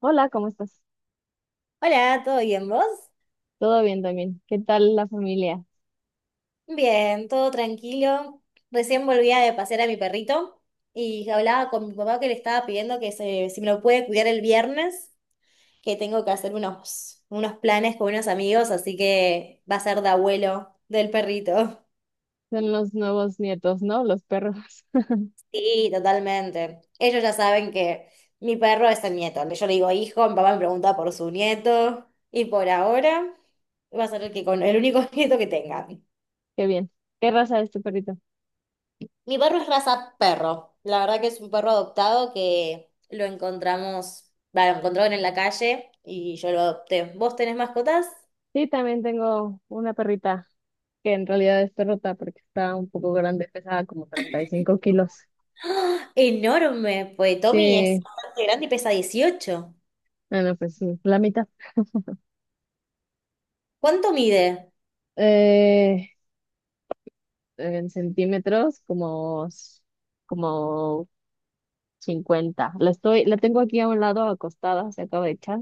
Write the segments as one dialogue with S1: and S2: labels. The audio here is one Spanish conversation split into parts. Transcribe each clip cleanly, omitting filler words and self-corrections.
S1: Hola, ¿cómo estás?
S2: Hola, ¿todo bien vos?
S1: Todo bien también. ¿Qué tal la familia?
S2: Bien, todo tranquilo. Recién volvía de pasear a mi perrito y hablaba con mi papá que le estaba pidiendo que si me lo puede cuidar el viernes, que tengo que hacer unos planes con unos amigos, así que va a ser de abuelo del perrito.
S1: Son los nuevos nietos, ¿no? Los perros.
S2: Sí, totalmente. Ellos ya saben que mi perro es el nieto. Yo le digo hijo, mi papá me pregunta por su nieto y por ahora va a ser el que con el único nieto que tenga.
S1: Qué bien. ¿Qué raza es tu perrito?
S2: Mi perro es raza perro. La verdad que es un perro adoptado que lo encontramos, va, lo encontraron en la calle y yo lo adopté. ¿Vos tenés mascotas?
S1: Sí, también tengo una perrita que en realidad es perrota porque está un poco grande, pesaba como 35 kilos.
S2: ¡Ah! ¡Enorme! Pues Tommy es
S1: Sí,
S2: bastante grande y pesa 18.
S1: bueno, pues sí, la mitad.
S2: ¿Cuánto mide?
S1: Eh, en centímetros, como, como 50. La estoy, la tengo aquí a un lado acostada, se acaba de echar,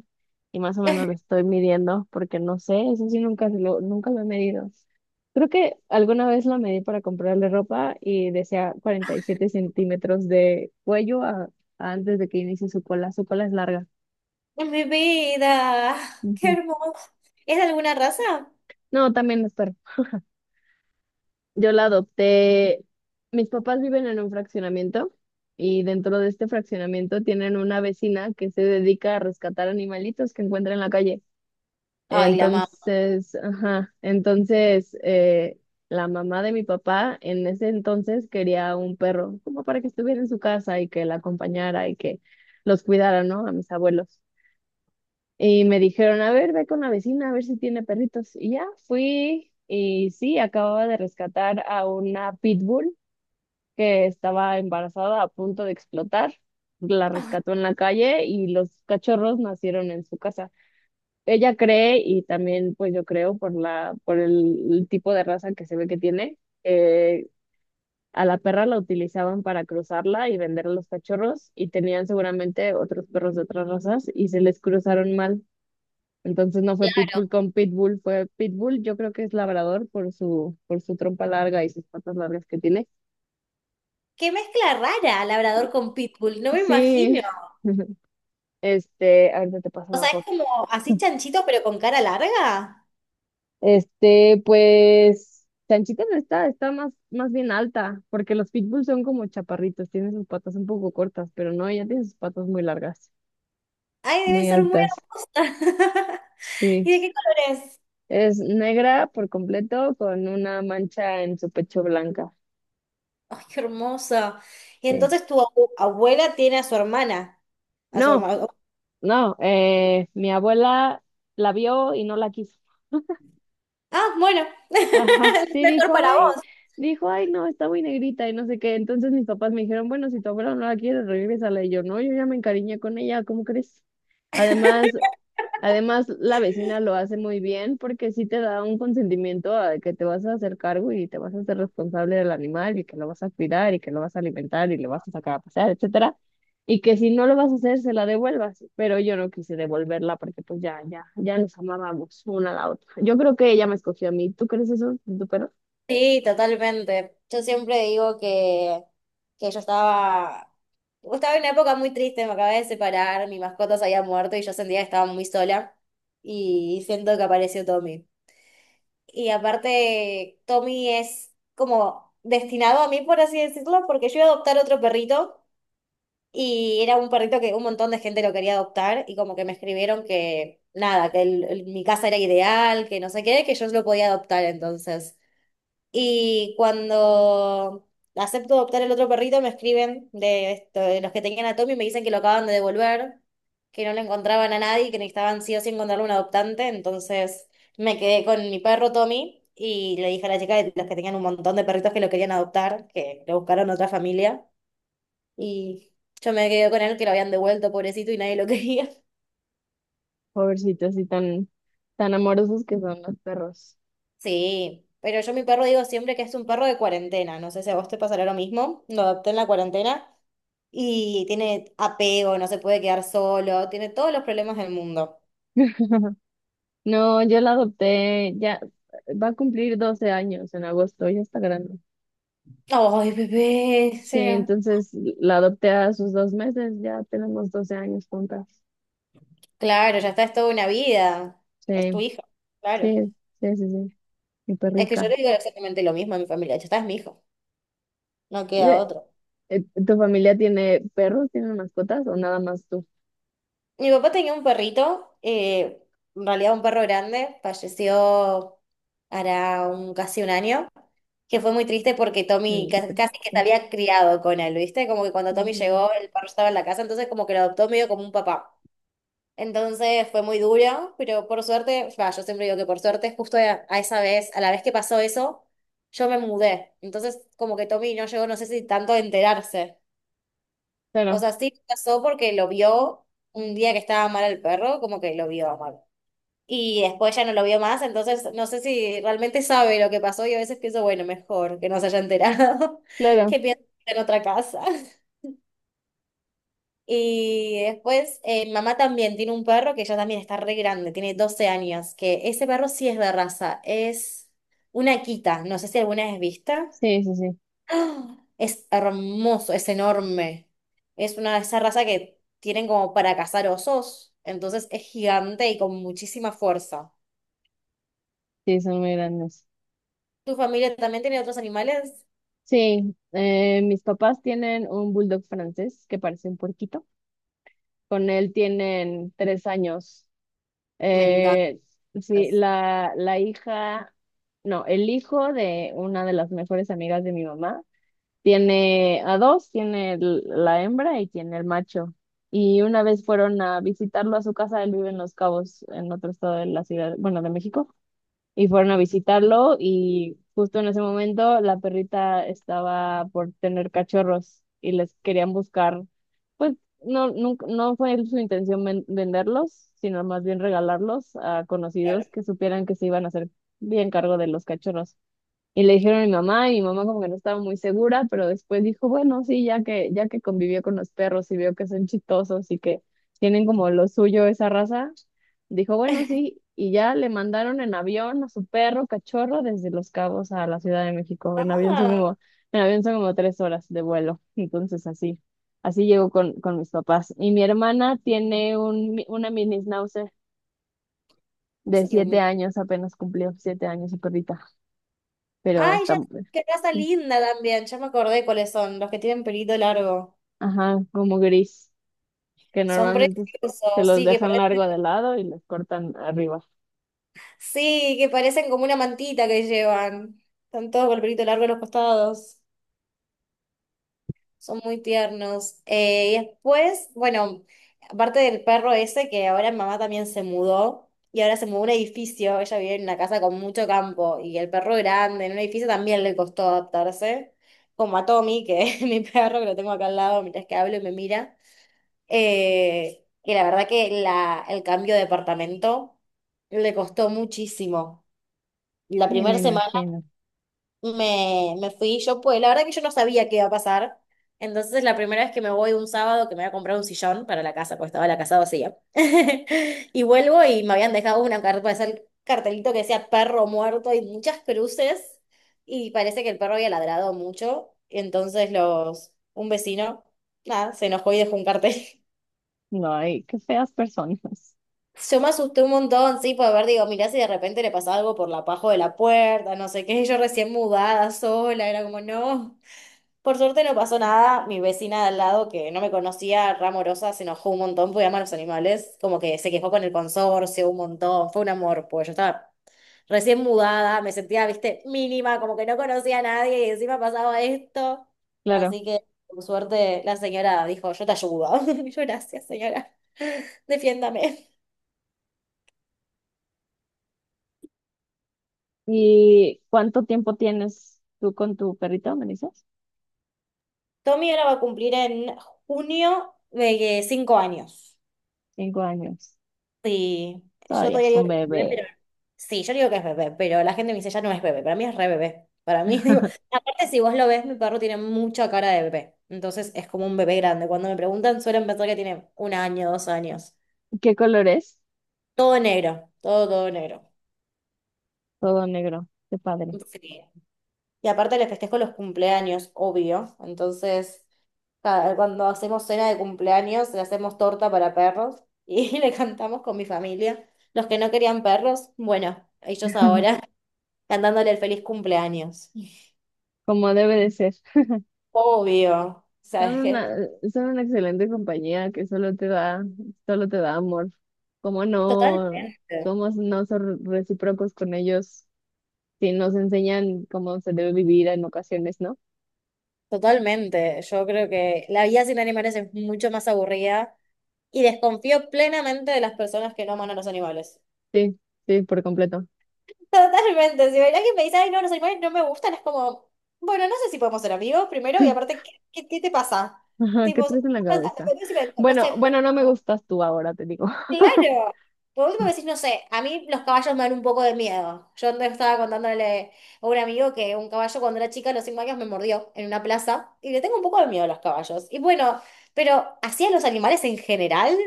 S1: y más o menos la estoy midiendo porque no sé, eso sí nunca lo he medido. Creo que alguna vez la medí para comprarle ropa y decía 47 centímetros de cuello a antes de que inicie su cola. Su cola es larga.
S2: ¡Es mi vida! ¡Qué
S1: Ujú.
S2: hermoso! ¿Es de alguna raza?
S1: No, también es perro. Yo la adopté. Mis papás viven en un fraccionamiento y dentro de este fraccionamiento tienen una vecina que se dedica a rescatar animalitos que encuentra en la calle.
S2: Ay, la mamá.
S1: Entonces, ajá, entonces la mamá de mi papá en ese entonces quería un perro, como para que estuviera en su casa y que la acompañara y que los cuidara, ¿no? A mis abuelos. Y me dijeron, a ver, ve con la vecina, a ver si tiene perritos. Y ya fui y sí, acababa de rescatar a una pitbull que estaba embarazada a punto de explotar. La rescató en la calle y los cachorros nacieron en su casa, ella cree, y también pues yo creo por el tipo de raza que se ve que tiene, eh, a la perra la utilizaban para cruzarla y vender a los cachorros y tenían seguramente otros perros de otras razas y se les cruzaron mal. Entonces no fue Pitbull con Pitbull, fue Pitbull, yo creo que es labrador por su trompa larga y sus patas largas que tiene.
S2: ¡Qué mezcla rara, labrador con pitbull! No me imagino.
S1: Sí. Este, ahorita te paso
S2: O
S1: una
S2: sea, es
S1: foto.
S2: como así chanchito pero con cara larga.
S1: Este, pues, Chanchita no está, está más bien alta, porque los pitbulls son como chaparritos, tienen sus patas un poco cortas, pero no, ella tiene sus patas muy largas,
S2: Ay, debe
S1: muy
S2: ser muy
S1: altas.
S2: hermosa.
S1: Sí,
S2: ¿Y de qué colores?
S1: es negra por completo con una mancha en su pecho blanca.
S2: ¡Ay, qué hermoso! Y
S1: Sí.
S2: entonces tu abuela tiene a su hermana, a su
S1: No,
S2: hermano.
S1: no, mi abuela la vio y no la quiso.
S2: Ah, bueno,
S1: Ajá,
S2: es
S1: sí,
S2: mejor para vos.
S1: dijo, ay, no, está muy negrita y no sé qué. Entonces mis papás me dijeron, bueno, si tu abuela no la quiere, regrésala. Y yo, no, yo ya me encariñé con ella, ¿cómo crees? Además, Además, la vecina lo hace muy bien porque sí te da un consentimiento a que te vas a hacer cargo y te vas a hacer responsable del animal y que lo vas a cuidar y que lo vas a alimentar y le vas a sacar a pasear, etcétera. Y que si no lo vas a hacer, se la devuelvas. Pero yo no quise devolverla porque pues ya nos amábamos una a la otra. Yo creo que ella me escogió a mí. ¿Tú crees eso de tu perro?
S2: Sí, totalmente. Yo siempre digo que yo estaba en una época muy triste, me acabé de separar, mi mascota se había muerto y yo sentía que estaba muy sola y siento que apareció Tommy. Y aparte, Tommy es como destinado a mí, por así decirlo, porque yo iba a adoptar otro perrito. Y era un perrito que un montón de gente lo quería adoptar y como que me escribieron que nada, que mi casa era ideal, que no sé qué, que yo lo podía adoptar entonces. Y cuando acepto adoptar el otro perrito, me escriben de los que tenían a Tommy y me dicen que lo acaban de devolver, que no le encontraban a nadie, que necesitaban sí o sí encontrarle un adoptante. Entonces me quedé con mi perro Tommy y le dije a la chica de los que tenían un montón de perritos que lo querían adoptar, que lo buscaron otra familia. Y yo me quedé con él que lo habían devuelto, pobrecito, y nadie lo quería.
S1: Pobrecitos así tan amorosos que son los perros.
S2: Sí, pero yo mi perro digo siempre que es un perro de cuarentena. No sé si a vos te pasará lo mismo. Lo adopté en la cuarentena y tiene apego, no se puede quedar solo, tiene todos los problemas del mundo.
S1: No, yo la adopté, ya va a cumplir 12 años en agosto, ya está grande.
S2: Ay, bebé, o
S1: Sí,
S2: sea,
S1: entonces la adopté a sus dos meses, ya tenemos 12 años juntas.
S2: claro, ya está, es toda una vida. Es
S1: Sí,
S2: tu hijo, claro.
S1: sí, sí, sí, sí, mi
S2: Es que yo
S1: perrija.
S2: le digo exactamente lo mismo a mi familia. Ya está, es mi hijo, no queda
S1: Eh,
S2: otro.
S1: ¿Tu familia tiene perros, tiene mascotas o nada más tú?
S2: Mi papá tenía un perrito, en realidad un perro grande, falleció hará casi un año, que fue muy triste porque Tommy
S1: Mm, qué triste,
S2: casi que se
S1: sí.
S2: había criado con él, ¿viste? Como que cuando Tommy
S1: Ujú.
S2: llegó, el perro estaba en la casa, entonces como que lo adoptó medio como un papá. Entonces fue muy duro, pero por suerte, va, yo siempre digo que por suerte, justo a la vez que pasó eso, yo me mudé. Entonces como que Tommy no llegó, no sé si tanto a enterarse. O
S1: Claro,
S2: sea, sí pasó porque lo vio un día que estaba mal el perro, como que lo vio mal. Y después ya no lo vio más, entonces no sé si realmente sabe lo que pasó y a veces pienso, bueno, mejor que no se haya enterado,
S1: claro,
S2: que piense en otra casa. Y después, mamá también tiene un perro que ya también está re grande, tiene 12 años, que ese perro sí es de raza, es una quita, no sé si alguna vez vista.
S1: sí, sí, sí,
S2: ¡Ah! Es hermoso, es enorme. Es una de esas razas que tienen como para cazar osos, entonces es gigante y con muchísima fuerza.
S1: sí, son muy grandes.
S2: ¿Tu familia también tiene otros animales?
S1: Sí, mis papás tienen un bulldog francés que parece un puerquito. Con él tienen 3 años.
S2: Me encanta.
S1: Eh, la hija, no, el hijo de una de las mejores amigas de mi mamá tiene a dos, tiene la hembra y tiene el macho. Y una vez fueron a visitarlo a su casa, él vive en Los Cabos, en otro estado de la ciudad, bueno, de México, y fueron a visitarlo y justo en ese momento la perrita estaba por tener cachorros y les querían buscar, pues no, nunca, no fue su intención venderlos, sino más bien regalarlos a conocidos
S2: Claro.
S1: que supieran que se iban a hacer bien cargo de los cachorros. Y le dijeron a mi mamá, y mi mamá como que no estaba muy segura, pero después dijo, bueno, sí, ya que convivió con los perros y vio que son chistosos y que tienen como lo suyo esa raza, dijo, bueno, sí, y ya le mandaron en avión a su perro cachorro desde Los Cabos a la Ciudad de México.
S2: Ah,
S1: En avión son como 3 horas de vuelo. Entonces así llegó con mis papás. Y mi hermana tiene una mini schnauzer
S2: ¿qué
S1: de
S2: sería un
S1: siete
S2: mi-
S1: años, apenas cumplió 7 años su perrita, pero
S2: Ay,
S1: está...
S2: ya, qué raza
S1: Sí.
S2: linda también. Ya me acordé cuáles son, los que tienen pelito largo.
S1: Ajá, como gris, que
S2: Son
S1: normalmente se
S2: preciosos,
S1: los
S2: sí,
S1: dejan largo de lado y les cortan arriba.
S2: que parecen como una mantita que llevan. Están todos con el pelito largo en los costados. Son muy tiernos. Y después, bueno, aparte del perro ese, que ahora mamá también se mudó, y ahora se mudó a un edificio, ella vive en una casa con mucho campo, y el perro grande en un edificio también le costó adaptarse, como a Tommy, que es mi perro, que lo tengo acá al lado mientras que hablo y me mira. Y la verdad que el cambio de departamento le costó muchísimo. La
S1: Sí, me
S2: primera semana
S1: imagino.
S2: me fui yo, pues la verdad que yo no sabía qué iba a pasar. Entonces, la primera vez que me voy un sábado, que me voy a comprar un sillón para la casa, porque estaba la casa vacía. Y vuelvo y me habían dejado una carta, pues, el cartelito que decía perro muerto y muchas cruces. Y parece que el perro había ladrado mucho. Entonces, un vecino, nada, se enojó y dejó un cartel.
S1: No, ay, qué feas personas.
S2: Yo me asusté un montón, sí, por ver, digo, mirá si de repente le pasa algo por la paja de la puerta, no sé qué, yo recién mudada sola, era como, no. Por suerte no pasó nada. Mi vecina de al lado, que no me conocía, Ramorosa, se enojó un montón porque ama a los animales. Como que se quejó con el consorcio un montón. Fue un amor, pues yo estaba recién mudada, me sentía, viste, mínima, como que no conocía a nadie y encima pasaba esto.
S1: Claro.
S2: Así que, por suerte, la señora dijo, yo te ayudo. Y yo, gracias, señora. Defiéndame.
S1: ¿Y cuánto tiempo tienes tú con tu perrito, me dices?
S2: Tommy ahora va a cumplir en junio de 5 años.
S1: 5 años.
S2: Sí, yo
S1: Todavía
S2: todavía
S1: es
S2: digo
S1: un
S2: que es bebé,
S1: bebé.
S2: pero sí, yo digo que es bebé, pero la gente me dice ya no es bebé, para mí es re bebé. Para mí, digo, aparte si vos lo ves, mi perro tiene mucha cara de bebé, entonces es como un bebé grande. Cuando me preguntan suelen pensar que tiene un año, 2 años.
S1: ¿Qué color es?
S2: Todo negro, todo, todo negro.
S1: Todo negro. Qué padre.
S2: Sí. Y aparte le festejo los cumpleaños, obvio. Entonces, cuando hacemos cena de cumpleaños, le hacemos torta para perros y le cantamos con mi familia. Los que no querían perros, bueno, ellos ahora, cantándole el feliz cumpleaños.
S1: Como debe de ser.
S2: Obvio. O sea,
S1: Son
S2: es que.
S1: una, son una excelente compañía que solo solo te da amor. ¿Cómo no?
S2: Totalmente.
S1: Somos no son recíprocos con ellos. Sí, nos enseñan cómo se debe vivir en ocasiones, ¿no?
S2: Totalmente. Yo creo que la vida sin animales es mucho más aburrida y desconfío plenamente de las personas que no aman a los animales.
S1: Sí, sí, por completo.
S2: Totalmente. Si ven alguien me dice, ay, no, los animales no me gustan, es como, bueno, no sé si podemos ser amigos primero y aparte, ¿ qué te pasa?
S1: Ajá,
S2: Tipo,
S1: ¿qué traes en la cabeza?
S2: no
S1: Bueno,
S2: sé.
S1: bueno, no me gustas tú ahora, te digo.
S2: Claro. Por último decís, no sé, a mí los caballos me dan un poco de miedo. Yo no estaba contándole a un amigo que un caballo cuando era chica a los 5 años me mordió en una plaza y le tengo un poco de miedo a los caballos. Y bueno, pero así a los animales en general,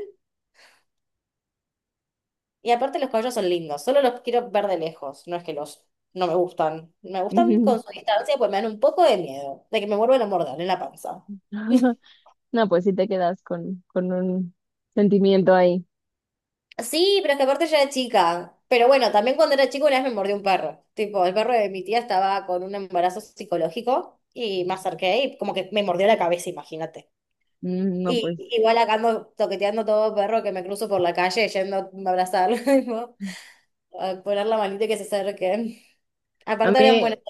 S2: y aparte los caballos son lindos, solo los quiero ver de lejos, no es que los no me gustan. Me gustan
S1: Ujú.
S2: con su distancia, pues me dan un poco de miedo de que me vuelvan a morder en la panza.
S1: No, pues sí te quedas con un sentimiento ahí.
S2: Sí, pero es que aparte ya era chica. Pero bueno, también cuando era chico una vez me mordió un perro. Tipo, el perro de mi tía estaba con un embarazo psicológico y me acerqué y como que me mordió la cabeza, imagínate.
S1: Mm, no,
S2: Y
S1: pues.
S2: igual acá ando toqueteando todo perro que me cruzo por la calle yendo a abrazarlo, tipo, a poner la manita y que se acerque.
S1: A
S2: Aparte eran
S1: mí,
S2: buenas.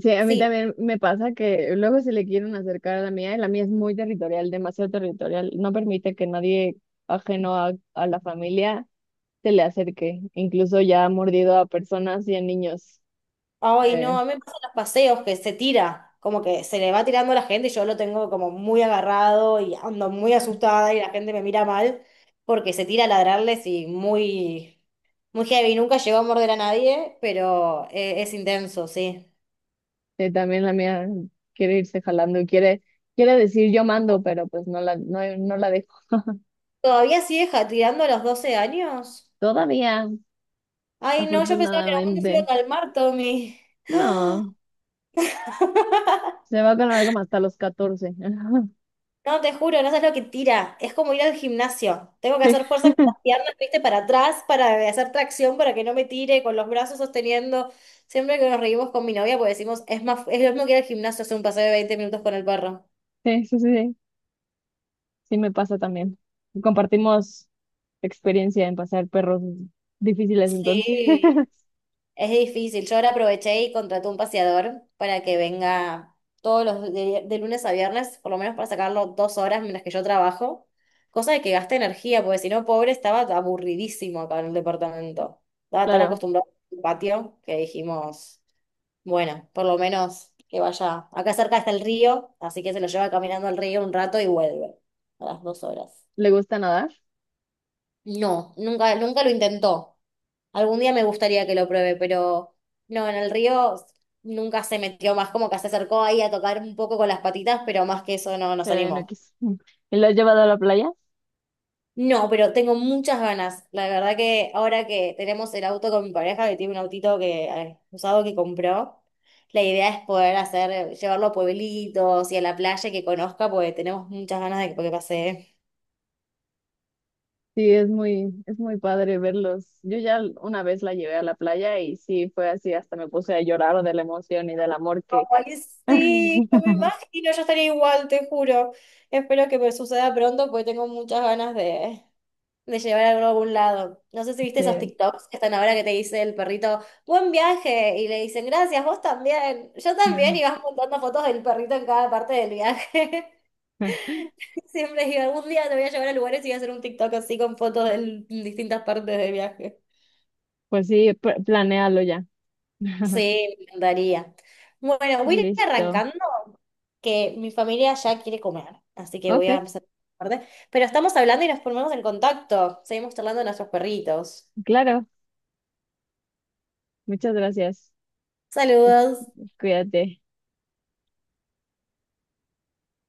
S1: Sí, a mí
S2: Sí.
S1: también me pasa que luego se le quieren acercar a la mía y la mía es muy territorial, demasiado territorial. No permite que nadie ajeno a la familia se le acerque. Incluso ya ha mordido a personas y a niños.
S2: Ay, no,
S1: Eh,
S2: a mí me pasan los paseos que se tira, como que se le va tirando a la gente y yo lo tengo como muy agarrado y ando muy asustada y la gente me mira mal porque se tira a ladrarles y muy, muy heavy. Nunca llegó a morder a nadie, pero es intenso, sí.
S1: también la mía quiere irse jalando y quiere decir yo mando, pero pues no la dejo.
S2: ¿Todavía sigue tirando a los 12 años?
S1: Todavía,
S2: Ay, no, yo pensaba que en algún momento se iba a
S1: afortunadamente.
S2: calmar, Tommy.
S1: No, se va con algo hasta los 14.
S2: No, te juro, no sabes lo que tira. Es como ir al gimnasio. Tengo que hacer fuerza con las piernas, viste, para atrás, para hacer tracción, para que no me tire, con los brazos sosteniendo. Siempre que nos reímos con mi novia, pues decimos, es más, es lo mismo que ir al gimnasio, hacer un paseo de 20 minutos con el perro.
S1: Sí, sí, sí. Sí. Sí, me pasa también. Compartimos experiencia en pasar perros difíciles entonces.
S2: Sí. Es difícil. Yo ahora aproveché y contraté un paseador para que venga todos los de lunes a viernes, por lo menos para sacarlo 2 horas mientras que yo trabajo, cosa de que gaste energía, porque si no, pobre, estaba aburridísimo acá en el departamento. Estaba tan
S1: Claro,
S2: acostumbrado al patio que dijimos, bueno, por lo menos que vaya. Acá cerca está el río, así que se lo lleva caminando al río un rato y vuelve a las 2 horas.
S1: le gusta nadar,
S2: No, nunca, nunca lo intentó. Algún día me gustaría que lo pruebe, pero no, en el río nunca se metió más, como que se acercó ahí a tocar un poco con las patitas, pero más que eso no nos
S1: pero no
S2: animó.
S1: quiso. ¿Y lo has llevado a la playa?
S2: No, pero tengo muchas ganas. La verdad que ahora que tenemos el auto con mi pareja, que tiene un autito que usado que compró, la idea es poder hacer, llevarlo a pueblitos y a la playa que conozca, porque tenemos muchas ganas de que pase.
S1: Sí, es muy padre verlos. Yo ya una vez la llevé a la playa y sí, fue así, hasta me puse a llorar de la emoción y del amor que...
S2: Ay, sí, no me imagino, yo estaría igual, te juro. Espero que me suceda pronto porque tengo muchas ganas de llevar algo a algún lado. No sé si viste esos
S1: Sí.
S2: TikToks que están ahora que te dice el perrito, buen viaje, y le dicen, gracias, vos también, yo también, y vas montando fotos del perrito en cada parte del viaje. Siempre digo, algún día te voy a llevar a lugares y voy a hacer un TikTok así con fotos de distintas partes del viaje.
S1: Pues sí, planéalo ya.
S2: Sí, me encantaría. Bueno, voy a ir
S1: Listo.
S2: arrancando, que mi familia ya quiere comer, así que voy a
S1: Ok,
S2: empezar a tarde. Pero estamos hablando y nos ponemos en contacto. Seguimos charlando de nuestros perritos.
S1: claro. Muchas gracias. Este,
S2: Saludos.
S1: cuídate.